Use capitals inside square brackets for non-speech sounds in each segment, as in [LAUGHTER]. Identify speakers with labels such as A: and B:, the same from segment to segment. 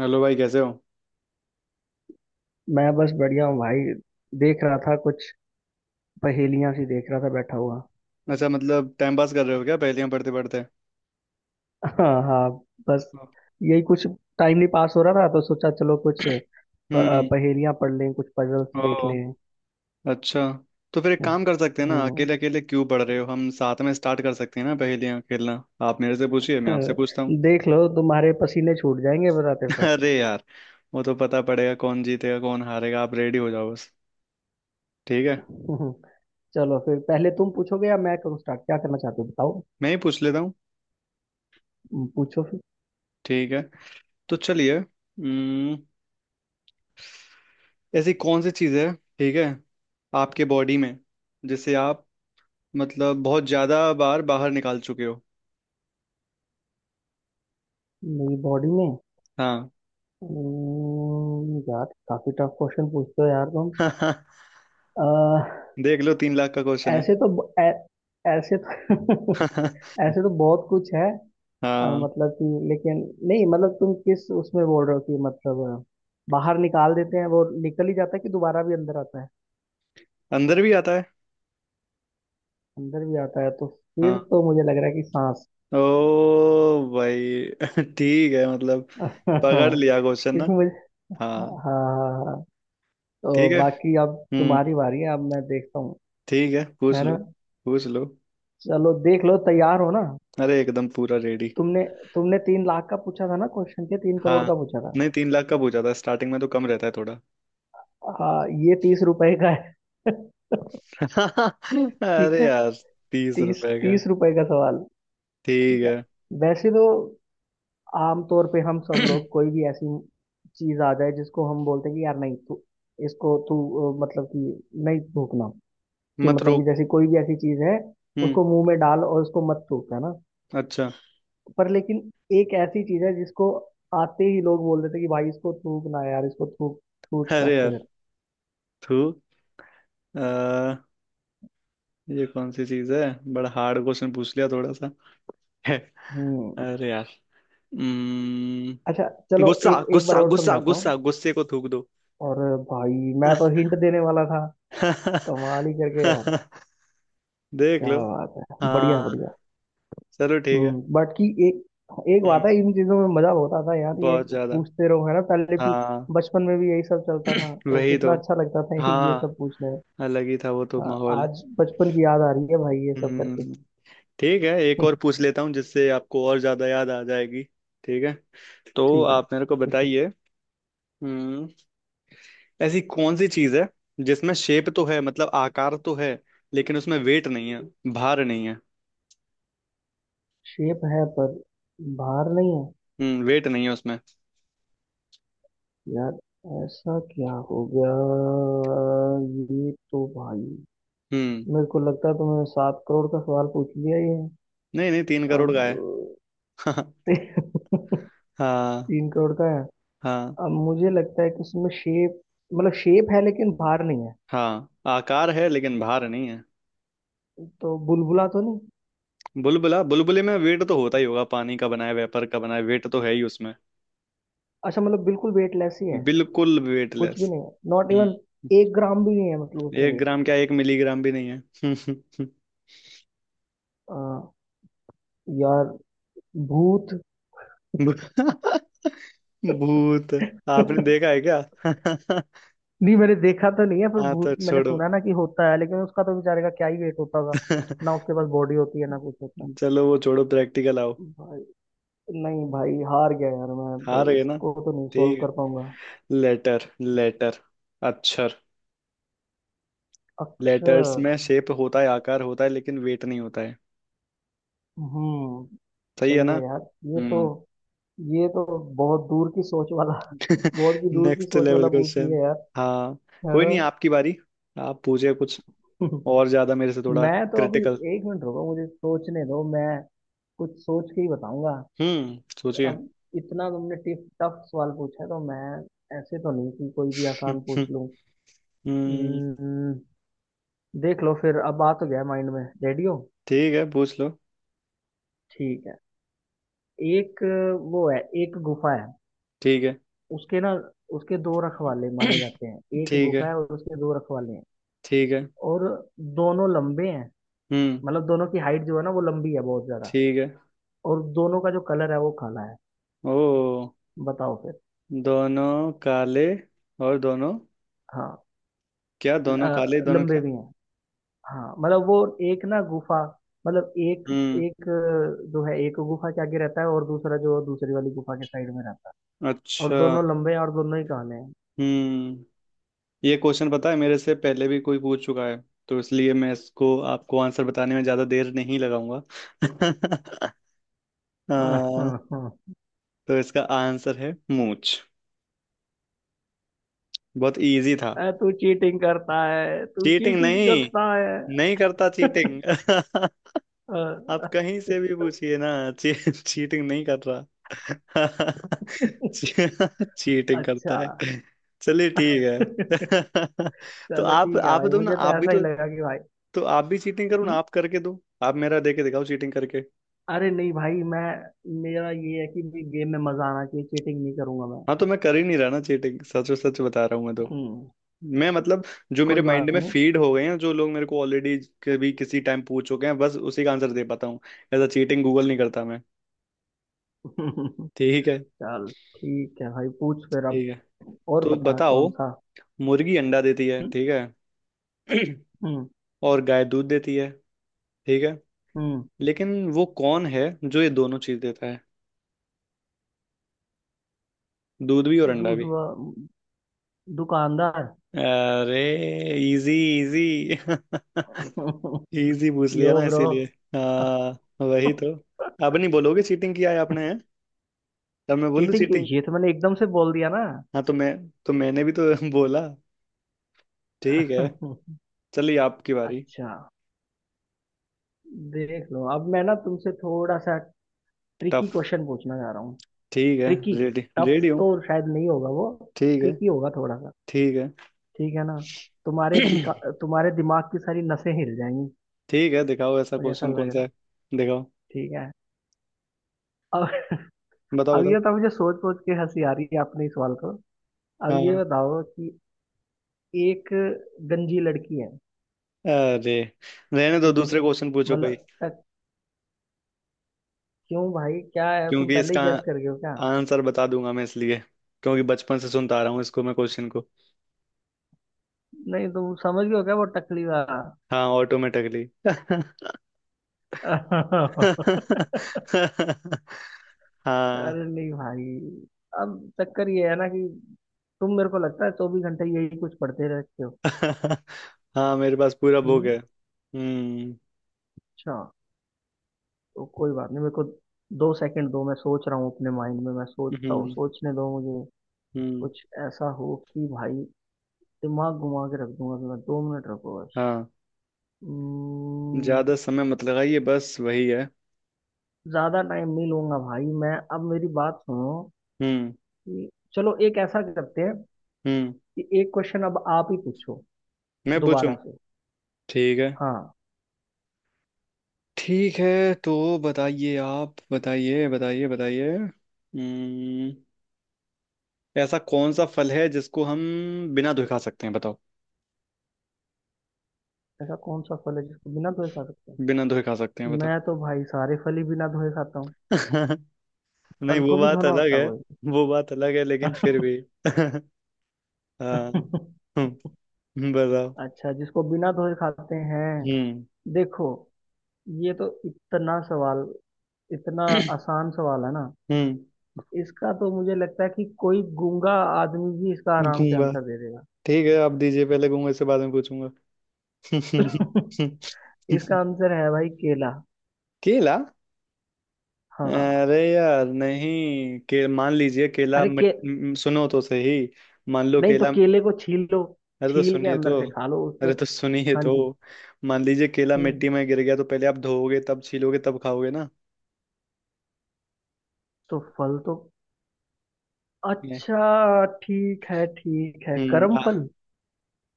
A: Hello भाई, कैसे हो।
B: मैं बस बढ़िया हूँ भाई। देख रहा था कुछ, पहेलियां सी देख रहा था बैठा हुआ।
A: अच्छा, मतलब टाइम पास कर रहे हो क्या पहेलियां पढ़ते पढ़ते।
B: हाँ हाँ। बस यही कुछ। टाइम नहीं पास हो रहा था तो सोचा चलो कुछ
A: हम्म।
B: पहेलियां पढ़ लें, कुछ पजल्स
A: ओ,
B: देख लें।
A: अच्छा। तो फिर एक काम कर सकते हैं ना,
B: हम्म।
A: अकेले अकेले क्यों पढ़ रहे हो, हम साथ में स्टार्ट कर सकते हैं ना पहेलियां खेलना। आप मेरे से पूछिए,
B: अ,
A: मैं आपसे पूछता हूँ।
B: देख लो तुम्हारे पसीने छूट जाएंगे बताते
A: [LAUGHS]
B: बताते।
A: अरे यार, वो तो पता पड़ेगा कौन जीतेगा कौन हारेगा, आप रेडी हो जाओ बस। ठीक है।
B: हम्म, चलो फिर, पहले तुम पूछोगे या मैं करूँ स्टार्ट, क्या करना चाहते हो बताओ।
A: मैं ही पूछ लेता हूँ।
B: पूछो फिर।
A: ठीक है तो चलिए, ऐसी कौन सी चीज़ है, ठीक है, आपके बॉडी में जिसे आप, मतलब, बहुत ज़्यादा बार बाहर निकाल चुके हो।
B: मेरी बॉडी में।
A: हाँ।
B: यार, काफी टफ क्वेश्चन पूछते हो यार तुम।
A: [LAUGHS]
B: अह,
A: देख लो, 3 लाख का क्वेश्चन है।
B: ऐसे तो ब- ऐ, ऐसे तो [LAUGHS]
A: [LAUGHS]
B: ऐसे तो बहुत कुछ है।
A: हाँ,
B: मतलब कि, लेकिन नहीं, मतलब तुम किस उसमें बोल रहे हो, कि मतलब बाहर निकाल देते हैं वो निकल ही जाता है कि दोबारा भी अंदर आता है?
A: अंदर भी आता है।
B: अंदर भी आता है तो फिर
A: हाँ।
B: तो मुझे लग रहा है कि सांस।
A: ओ भाई, [LAUGHS] ठीक है, मतलब पकड़
B: [LAUGHS]
A: लिया क्वेश्चन ना।
B: क्योंकि मुझे हाँ
A: हाँ।
B: हाँ। हाँ। हाँ,
A: ठीक
B: तो
A: है।
B: बाकी अब
A: हम्म।
B: तुम्हारी बारी है, अब मैं देखता हूँ।
A: ठीक है, पूछ
B: है
A: लो।
B: ना।
A: पूछ लो।
B: चलो देख लो तैयार हो ना।
A: अरे एकदम पूरा रेडी।
B: तुमने तुमने 3 लाख का पूछा था ना क्वेश्चन, के तीन
A: हाँ,
B: करोड़ का पूछा था।
A: नहीं 3 लाख का पूछा था, स्टार्टिंग में तो कम रहता है थोड़ा।
B: हाँ, ये 30 रुपए का है। [LAUGHS]
A: [LAUGHS]
B: ठीक
A: अरे
B: है।
A: यार, तीस
B: तीस
A: रुपए का।
B: तीस रुपए का सवाल।
A: ठीक
B: ठीक है।
A: है।
B: वैसे तो आमतौर पे हम सब लोग,
A: [CLEARS THROAT]
B: कोई भी ऐसी चीज आ जाए जिसको हम बोलते हैं कि यार नहीं, तू इसको तू मतलब कि नहीं थूकना, कि
A: मत
B: मतलब कि
A: रोक।
B: जैसे कोई भी ऐसी चीज है,
A: हम्म।
B: उसको मुंह में डाल और उसको मत थूक, है ना।
A: अच्छा।
B: पर लेकिन एक ऐसी चीज है जिसको आते ही लोग बोल देते हैं कि भाई इसको थूक ना यार, इसको थूक, थूक
A: अरे
B: रास्ते
A: यार,
B: कर।
A: थू, ये कौन सी चीज है, बड़ा हार्ड क्वेश्चन पूछ लिया थोड़ा सा। [LAUGHS]
B: हम्म।
A: अरे यार। हम्म,
B: अच्छा चलो,
A: गुस्सा
B: एक एक बार
A: गुस्सा
B: और
A: गुस्सा
B: समझाता हूँ।
A: गुस्सा गुस्से को थूक दो।
B: और भाई मैं तो हिंट देने वाला था,
A: [LAUGHS]
B: कमाल ही करके यार।
A: देख
B: क्या
A: लो।
B: बात है, बढ़िया
A: हाँ,
B: बढ़िया।
A: चलो ठीक है।
B: बाकी एक एक
A: हम्म,
B: बात है, इन चीजों में मजा होता था यार ये।
A: बहुत ज्यादा।
B: पूछते रहो है ना, पहले भी,
A: हाँ
B: बचपन में भी यही सब चलता था, तो
A: वही
B: कितना
A: तो।
B: अच्छा लगता था [LAUGHS] ये
A: हाँ
B: सब पूछने में।
A: अलग ही था वो तो
B: हाँ,
A: माहौल।
B: आज बचपन की याद आ रही है भाई ये सब करके।
A: हम्म। ठीक है, एक और
B: [LAUGHS]
A: पूछ लेता हूँ जिससे आपको और ज्यादा याद आ जाएगी। ठीक है, तो
B: ठीक है
A: आप मेरे को
B: पूछो।
A: बताइए। हम्म। ऐसी कौन सी चीज है जिसमें शेप तो है, मतलब आकार तो है, लेकिन उसमें वेट नहीं है, भार नहीं है।
B: शेप है पर बाहर नहीं है।
A: हम्म, वेट नहीं है उसमें।
B: यार, ऐसा क्या हो गया? ये तो भाई,
A: हम्म,
B: मेरे को लगता है तुमने 7 करोड़ का सवाल पूछ लिया ये।
A: नहीं नहीं 3 करोड़
B: अब
A: का है।
B: [LAUGHS]
A: [LAUGHS]
B: तीन
A: हाँ
B: करोड़ का है।
A: हाँ।
B: अब मुझे लगता है कि इसमें शेप, मतलब शेप है लेकिन भार नहीं है।
A: हाँ, आकार है लेकिन भार नहीं है।
B: तो बुलबुला तो नहीं?
A: बुलबुला, बुलबुले में वेट तो होता ही होगा, पानी का बनाया, वेपर का बनाया, वेट तो है ही उसमें।
B: अच्छा मतलब बिल्कुल वेटलेस ही है?
A: बिल्कुल
B: कुछ भी
A: वेटलेस।
B: नहीं है, नॉट
A: हम्म।
B: इवन 1 ग्राम भी नहीं है मतलब उसमें
A: एक
B: वेट।
A: ग्राम क्या, 1 मिलीग्राम भी नहीं है। [LAUGHS]
B: यार, भूत।
A: भू- [LAUGHS] भूत, आपने
B: [LAUGHS]
A: देखा है क्या। [LAUGHS]
B: नहीं, मैंने देखा तो नहीं है पर
A: हाँ तो
B: भूत मैंने
A: छोड़ो।
B: सुना ना कि होता है, लेकिन उसका तो बेचारे का क्या ही वेट होता होगा। ना
A: [LAUGHS]
B: उसके पास बॉडी होती है, ना कुछ होता
A: चलो वो छोड़ो, प्रैक्टिकल आओ।
B: है भाई। नहीं भाई, हार गया यार मैं तो,
A: हार गए ना।
B: इसको तो नहीं सॉल्व
A: ठीक
B: कर
A: है।
B: पाऊंगा।
A: लेटर लेटर अक्षर। लेटर्स
B: अक्षर।
A: में शेप होता है, आकार होता है, लेकिन वेट नहीं होता है।
B: हम्म
A: सही है
B: सही
A: ना।
B: है यार। ये तो
A: हम्म।
B: ये तो बहुत दूर की सोच वाला। [LAUGHS]
A: [LAUGHS]
B: बहुत की दूर की
A: नेक्स्ट
B: सोच
A: लेवल
B: वाला पूछ
A: क्वेश्चन।
B: लिया यार।
A: हाँ,
B: है
A: कोई
B: ना।
A: नहीं आपकी बारी, आप पूछिए कुछ
B: [LAUGHS]
A: और ज्यादा मेरे से, थोड़ा
B: मैं तो अभी
A: क्रिटिकल।
B: एक मिनट रुको मुझे सोचने दो, मैं कुछ सोच के ही बताऊंगा।
A: हम्म, सोचिए।
B: अब इतना तुमने टिफ टफ सवाल पूछा है तो मैं ऐसे तो नहीं कि कोई भी आसान पूछ
A: [LAUGHS]
B: लूं।
A: हम्म।
B: हम्म, देख लो फिर, अब आ तो गया माइंड में, रेडियो।
A: ठीक है, पूछ लो।
B: ठीक है। एक वो है, एक गुफा है।
A: ठीक है।
B: उसके ना उसके दो रखवाले माने
A: [CLEARS THROAT]
B: जाते हैं, एक
A: ठीक है।
B: गुफा है और उसके दो रखवाले हैं।
A: ठीक है।
B: और दोनों लंबे हैं,
A: हम्म।
B: मतलब दोनों की हाइट जो है ना वो लंबी है बहुत ज्यादा।
A: ठीक है।
B: और दोनों का जो कलर है वो काला है।
A: ओ,
B: बताओ फिर।
A: दोनों काले, और दोनों
B: हाँ।
A: क्या,
B: ल-
A: दोनों काले
B: अ,
A: दोनों
B: लंबे
A: क्या।
B: भी हैं। हाँ मतलब वो, एक ना गुफा, मतलब एक,
A: हम्म।
B: एक जो है एक गुफा के आगे रहता है और दूसरा जो दूसरी वाली गुफा के साइड में रहता है। और
A: अच्छा।
B: दोनों लंबे हैं और दोनों ही काले हैं।
A: हम्म। ये क्वेश्चन पता है मेरे से पहले भी कोई पूछ चुका है, तो इसलिए मैं इसको आपको आंसर बताने में ज्यादा देर नहीं लगाऊंगा। [LAUGHS] आ,
B: [LAUGHS]
A: तो इसका आंसर है मूंछ। बहुत इजी था।
B: तू चीटिंग करता है, तू
A: चीटिंग
B: चीटिंग
A: नहीं,
B: करता है।
A: नहीं करता चीटिंग। [LAUGHS]
B: अ,
A: आप कहीं से भी पूछिए ना। चीटिंग नहीं कर रहा। [LAUGHS] ची, चीटिंग
B: अच्छा।
A: करता है। चलिए ठीक है।
B: [LAUGHS]
A: [LAUGHS] तो
B: चलो
A: आप
B: ठीक है
A: आप
B: भाई,
A: दो ना,
B: मुझे
A: आप
B: तो
A: भी
B: ऐसा ही
A: तो।
B: लगा कि भाई।
A: तो आप भी चीटिंग करो ना,
B: हम्म,
A: आप करके दो, आप मेरा देके दिखाओ चीटिंग करके।
B: अरे नहीं भाई, मैं, मेरा ये है कि गेम में मजा आना चाहिए, चीटिंग नहीं करूंगा मैं।
A: हाँ तो मैं कर ही नहीं रहा ना चीटिंग, सच सच बता रहा हूँ मैं तो।
B: हम्म
A: मैं मतलब, जो
B: कोई
A: मेरे
B: बात
A: माइंड में
B: नहीं।
A: फीड हो गए हैं, जो लोग मेरे को ऑलरेडी कभी किसी टाइम पूछ चुके हैं, बस उसी का आंसर दे पाता हूँ। ऐसा चीटिंग गूगल नहीं करता मैं।
B: [LAUGHS] चल
A: ठीक है।
B: ठीक है भाई, पूछ फिर अब
A: ठीक है,
B: और
A: तो
B: बता
A: बताओ,
B: कौन सा।
A: मुर्गी अंडा देती है,
B: हम्म।
A: ठीक है।
B: हम्म।
A: [CLEARS THROAT] और गाय दूध देती है, ठीक है।
B: हम्म।
A: लेकिन वो कौन है जो ये दोनों चीज देता है, दूध भी और अंडा
B: दूध
A: भी।
B: वा- दुकानदार।
A: अरे इजी, इजी,
B: [LAUGHS]
A: इजी। [LAUGHS] पूछ लिया
B: यो
A: ना
B: ब्रो।
A: इसीलिए। हाँ वही तो। अब नहीं बोलोगे चीटिंग किया है आपने, हैं? तब मैं बोल दूं
B: चीटिंग क्यों,
A: चीटिंग।
B: ये तो मैंने एकदम से बोल दिया ना।
A: हाँ तो मैं, तो मैंने भी तो [LAUGHS] बोला। ठीक है।
B: [LAUGHS]
A: चलिए आपकी बारी।
B: अच्छा, देख लो अब मैं ना तुमसे थोड़ा सा ट्रिकी
A: टफ।
B: क्वेश्चन पूछना चाह रहा हूँ।
A: ठीक है,
B: ट्रिकी।
A: रेडी
B: टफ
A: रेडी हूँ।
B: तो शायद नहीं होगा वो,
A: ठीक है।
B: ट्रिकी होगा थोड़ा सा,
A: ठीक है।
B: ठीक है ना। तुम्हारे दिका
A: [CLEARS THROAT]
B: तुम्हारे दिमाग की सारी नसें हिल जाएंगी,
A: ठीक है, दिखाओ ऐसा
B: मुझे ऐसा
A: क्वेश्चन
B: लग
A: कौन
B: रहा
A: सा
B: है।
A: है। दिखाओ।
B: ठीक है। [LAUGHS] अब
A: बताओ
B: अब
A: बताओ।
B: ये तो मुझे सोच सोच के हंसी आ रही है अपने इस सवाल को। अब ये
A: हाँ,
B: बताओ कि एक गंजी लड़की है।
A: अरे रहने दो,
B: ठीक है।
A: दूसरे क्वेश्चन पूछो कोई।
B: मतलब क्यों भाई, क्या है, तुम
A: क्योंकि
B: पहले ही
A: इसका
B: गैस कर गए हो क्या?
A: आंसर बता दूंगा मैं इसलिए, क्योंकि बचपन से सुनता आ रहा हूँ इसको मैं, क्वेश्चन को।
B: नहीं, तुम समझ गए हो क्या वो टकली वाला?
A: हाँ, ऑटोमेटिकली। [LAUGHS]
B: [LAUGHS]
A: हाँ।
B: अरे नहीं भाई। अब चक्कर ये है ना कि तुम, मेरे को लगता है 24 घंटे यही कुछ पढ़ते रहते हो।
A: [LAUGHS] हाँ मेरे पास पूरा बुक
B: हम्म।
A: है। हम्म।
B: अच्छा तो कोई बात नहीं। मेरे को 2 सेकंड दो, मैं सोच रहा हूँ अपने माइंड में, मैं सोचता हूँ,
A: हम्म।
B: सोचने दो मुझे।
A: हम्म।
B: कुछ ऐसा हो कि भाई दिमाग घुमा के रख दूंगा, तो मैं 2 मिनट रखो बस।
A: हाँ
B: हम्म,
A: ज्यादा समय मत लगाइए, बस वही है।
B: ज्यादा टाइम नहीं लूंगा भाई मैं। अब मेरी बात सुनो
A: हम्म।
B: कि चलो एक ऐसा करते हैं
A: हम्म।
B: कि एक क्वेश्चन अब आप ही पूछो
A: मैं पूछूं।
B: दोबारा से।
A: ठीक है।
B: हाँ।
A: ठीक है, तो बताइए, आप बताइए बताइए बताइए। ऐसा कौन सा फल है जिसको हम बिना धोए खा सकते हैं, बताओ।
B: ऐसा कौन सा फल है जिसको बिना धोए खा सकते
A: बिना धोए खा सकते हैं,
B: हैं?
A: बताओ।
B: मैं तो भाई सारे फल ही बिना धोए खाता हूँ।
A: [LAUGHS] नहीं
B: फल
A: वो
B: को भी
A: बात
B: धोना
A: अलग
B: होता
A: है।
B: है?
A: वो बात अलग है लेकिन फिर भी। [LAUGHS] हाँ।
B: कोई।
A: बताओ।
B: [LAUGHS] अच्छा, जिसको बिना धोए खाते हैं?
A: हम्म।
B: देखो, ये तो इतना सवाल इतना
A: [CLEARS THROAT]
B: आसान सवाल है ना,
A: हम्म।
B: इसका तो मुझे लगता है कि कोई गूंगा आदमी भी इसका आराम से
A: गूंगा।
B: आंसर दे देगा।
A: ठीक है, आप दीजिए, पहले गूंगा, इससे बाद में पूछूंगा।
B: [LAUGHS]
A: [LAUGHS]
B: इसका आंसर है भाई, केला।
A: केला।
B: हाँ।
A: अरे यार नहीं, के मान लीजिए केला
B: अरे के
A: सुनो तो सही, मान लो
B: नहीं तो
A: केला।
B: केले को छील लो,
A: अरे तो
B: छील के
A: सुनिए
B: अंदर
A: तो।
B: से खा लो उसको।
A: अरे तो सुनिए
B: हाँ
A: तो।
B: जी।
A: मान लीजिए केला
B: हम्म
A: मिट्टी में गिर गया, तो पहले आप धोओगे, तब छीलोगे, तब खाओगे ना।
B: तो फल तो,
A: ये,
B: अच्छा ठीक है, ठीक है
A: हम्म
B: कर्म
A: आ,
B: फल।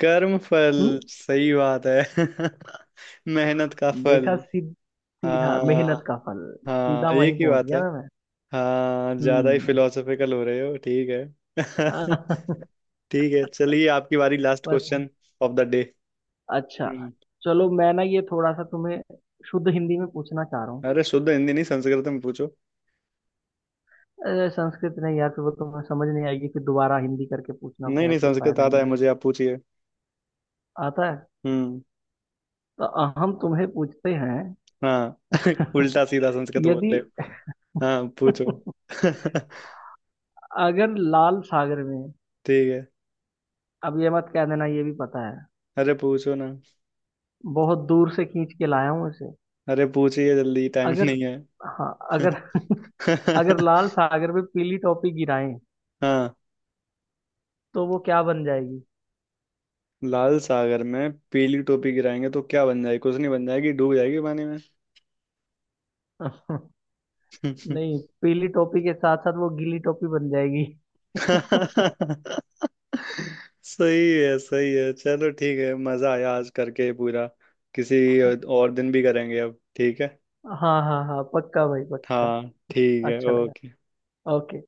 A: कर्म फल,
B: हम्म
A: सही बात है। [LAUGHS] मेहनत का फल।
B: देखा, सीधा मेहनत
A: हाँ।
B: का फल।
A: हाँ
B: सीधा
A: एक
B: वहीं
A: ही
B: पहुंच
A: बात
B: गया
A: है।
B: ना मैं।
A: हाँ ज्यादा ही
B: हम्म
A: फिलोसफिकल हो रहे हो, ठीक है। [LAUGHS]
B: [LAUGHS]
A: ठीक है, चलिए आपकी बारी, लास्ट
B: बस।
A: क्वेश्चन ऑफ द
B: अच्छा,
A: डे।
B: चलो मैं ना ये थोड़ा सा तुम्हें शुद्ध हिंदी में पूछना चाह रहा हूँ।
A: अरे शुद्ध हिंदी नहीं, संस्कृत में पूछो।
B: अरे, संस्कृत नहीं यार, फिर वो तुम्हें समझ नहीं आएगी, फिर दोबारा हिंदी करके पूछना
A: नहीं
B: पड़ेगा,
A: नहीं,
B: कोई
A: संस्कृत
B: फायदा
A: आता है
B: नहीं।
A: मुझे, आप पूछिए।
B: आता है?
A: हम्म।
B: तो हम तुम्हें पूछते हैं।
A: हाँ। [LAUGHS] उल्टा सीधा संस्कृत बोल
B: यदि
A: रहे हो। हाँ पूछो।
B: [LAUGHS]
A: [LAUGHS]
B: अगर लाल सागर में।
A: ठीक है।
B: अब ये मत कह देना ये भी पता है,
A: अरे पूछो ना।
B: बहुत दूर से खींच के लाया हूं इसे।
A: अरे पूछिए जल्दी, टाइम
B: अगर
A: नहीं है।
B: हाँ अगर [LAUGHS] अगर
A: [LAUGHS]
B: लाल सागर में पीली टोपी गिराएं,
A: हाँ,
B: तो वो क्या बन जाएगी?
A: लाल सागर में पीली टोपी गिराएंगे तो क्या बन जाएगी, कुछ नहीं बन जाएगी, डूब जाएगी पानी में।
B: [LAUGHS] नहीं,
A: [LAUGHS]
B: पीली टोपी के साथ साथ वो गीली टोपी बन जाएगी। [LAUGHS]
A: सही है, सही है, चलो ठीक है, मजा आया आज करके पूरा। किसी और दिन भी करेंगे अब, ठीक है।
B: हाँ हाँ हाँ, पक्का भाई पक्का।
A: हाँ ठीक है,
B: अच्छा लगा।
A: ओके।
B: ओके।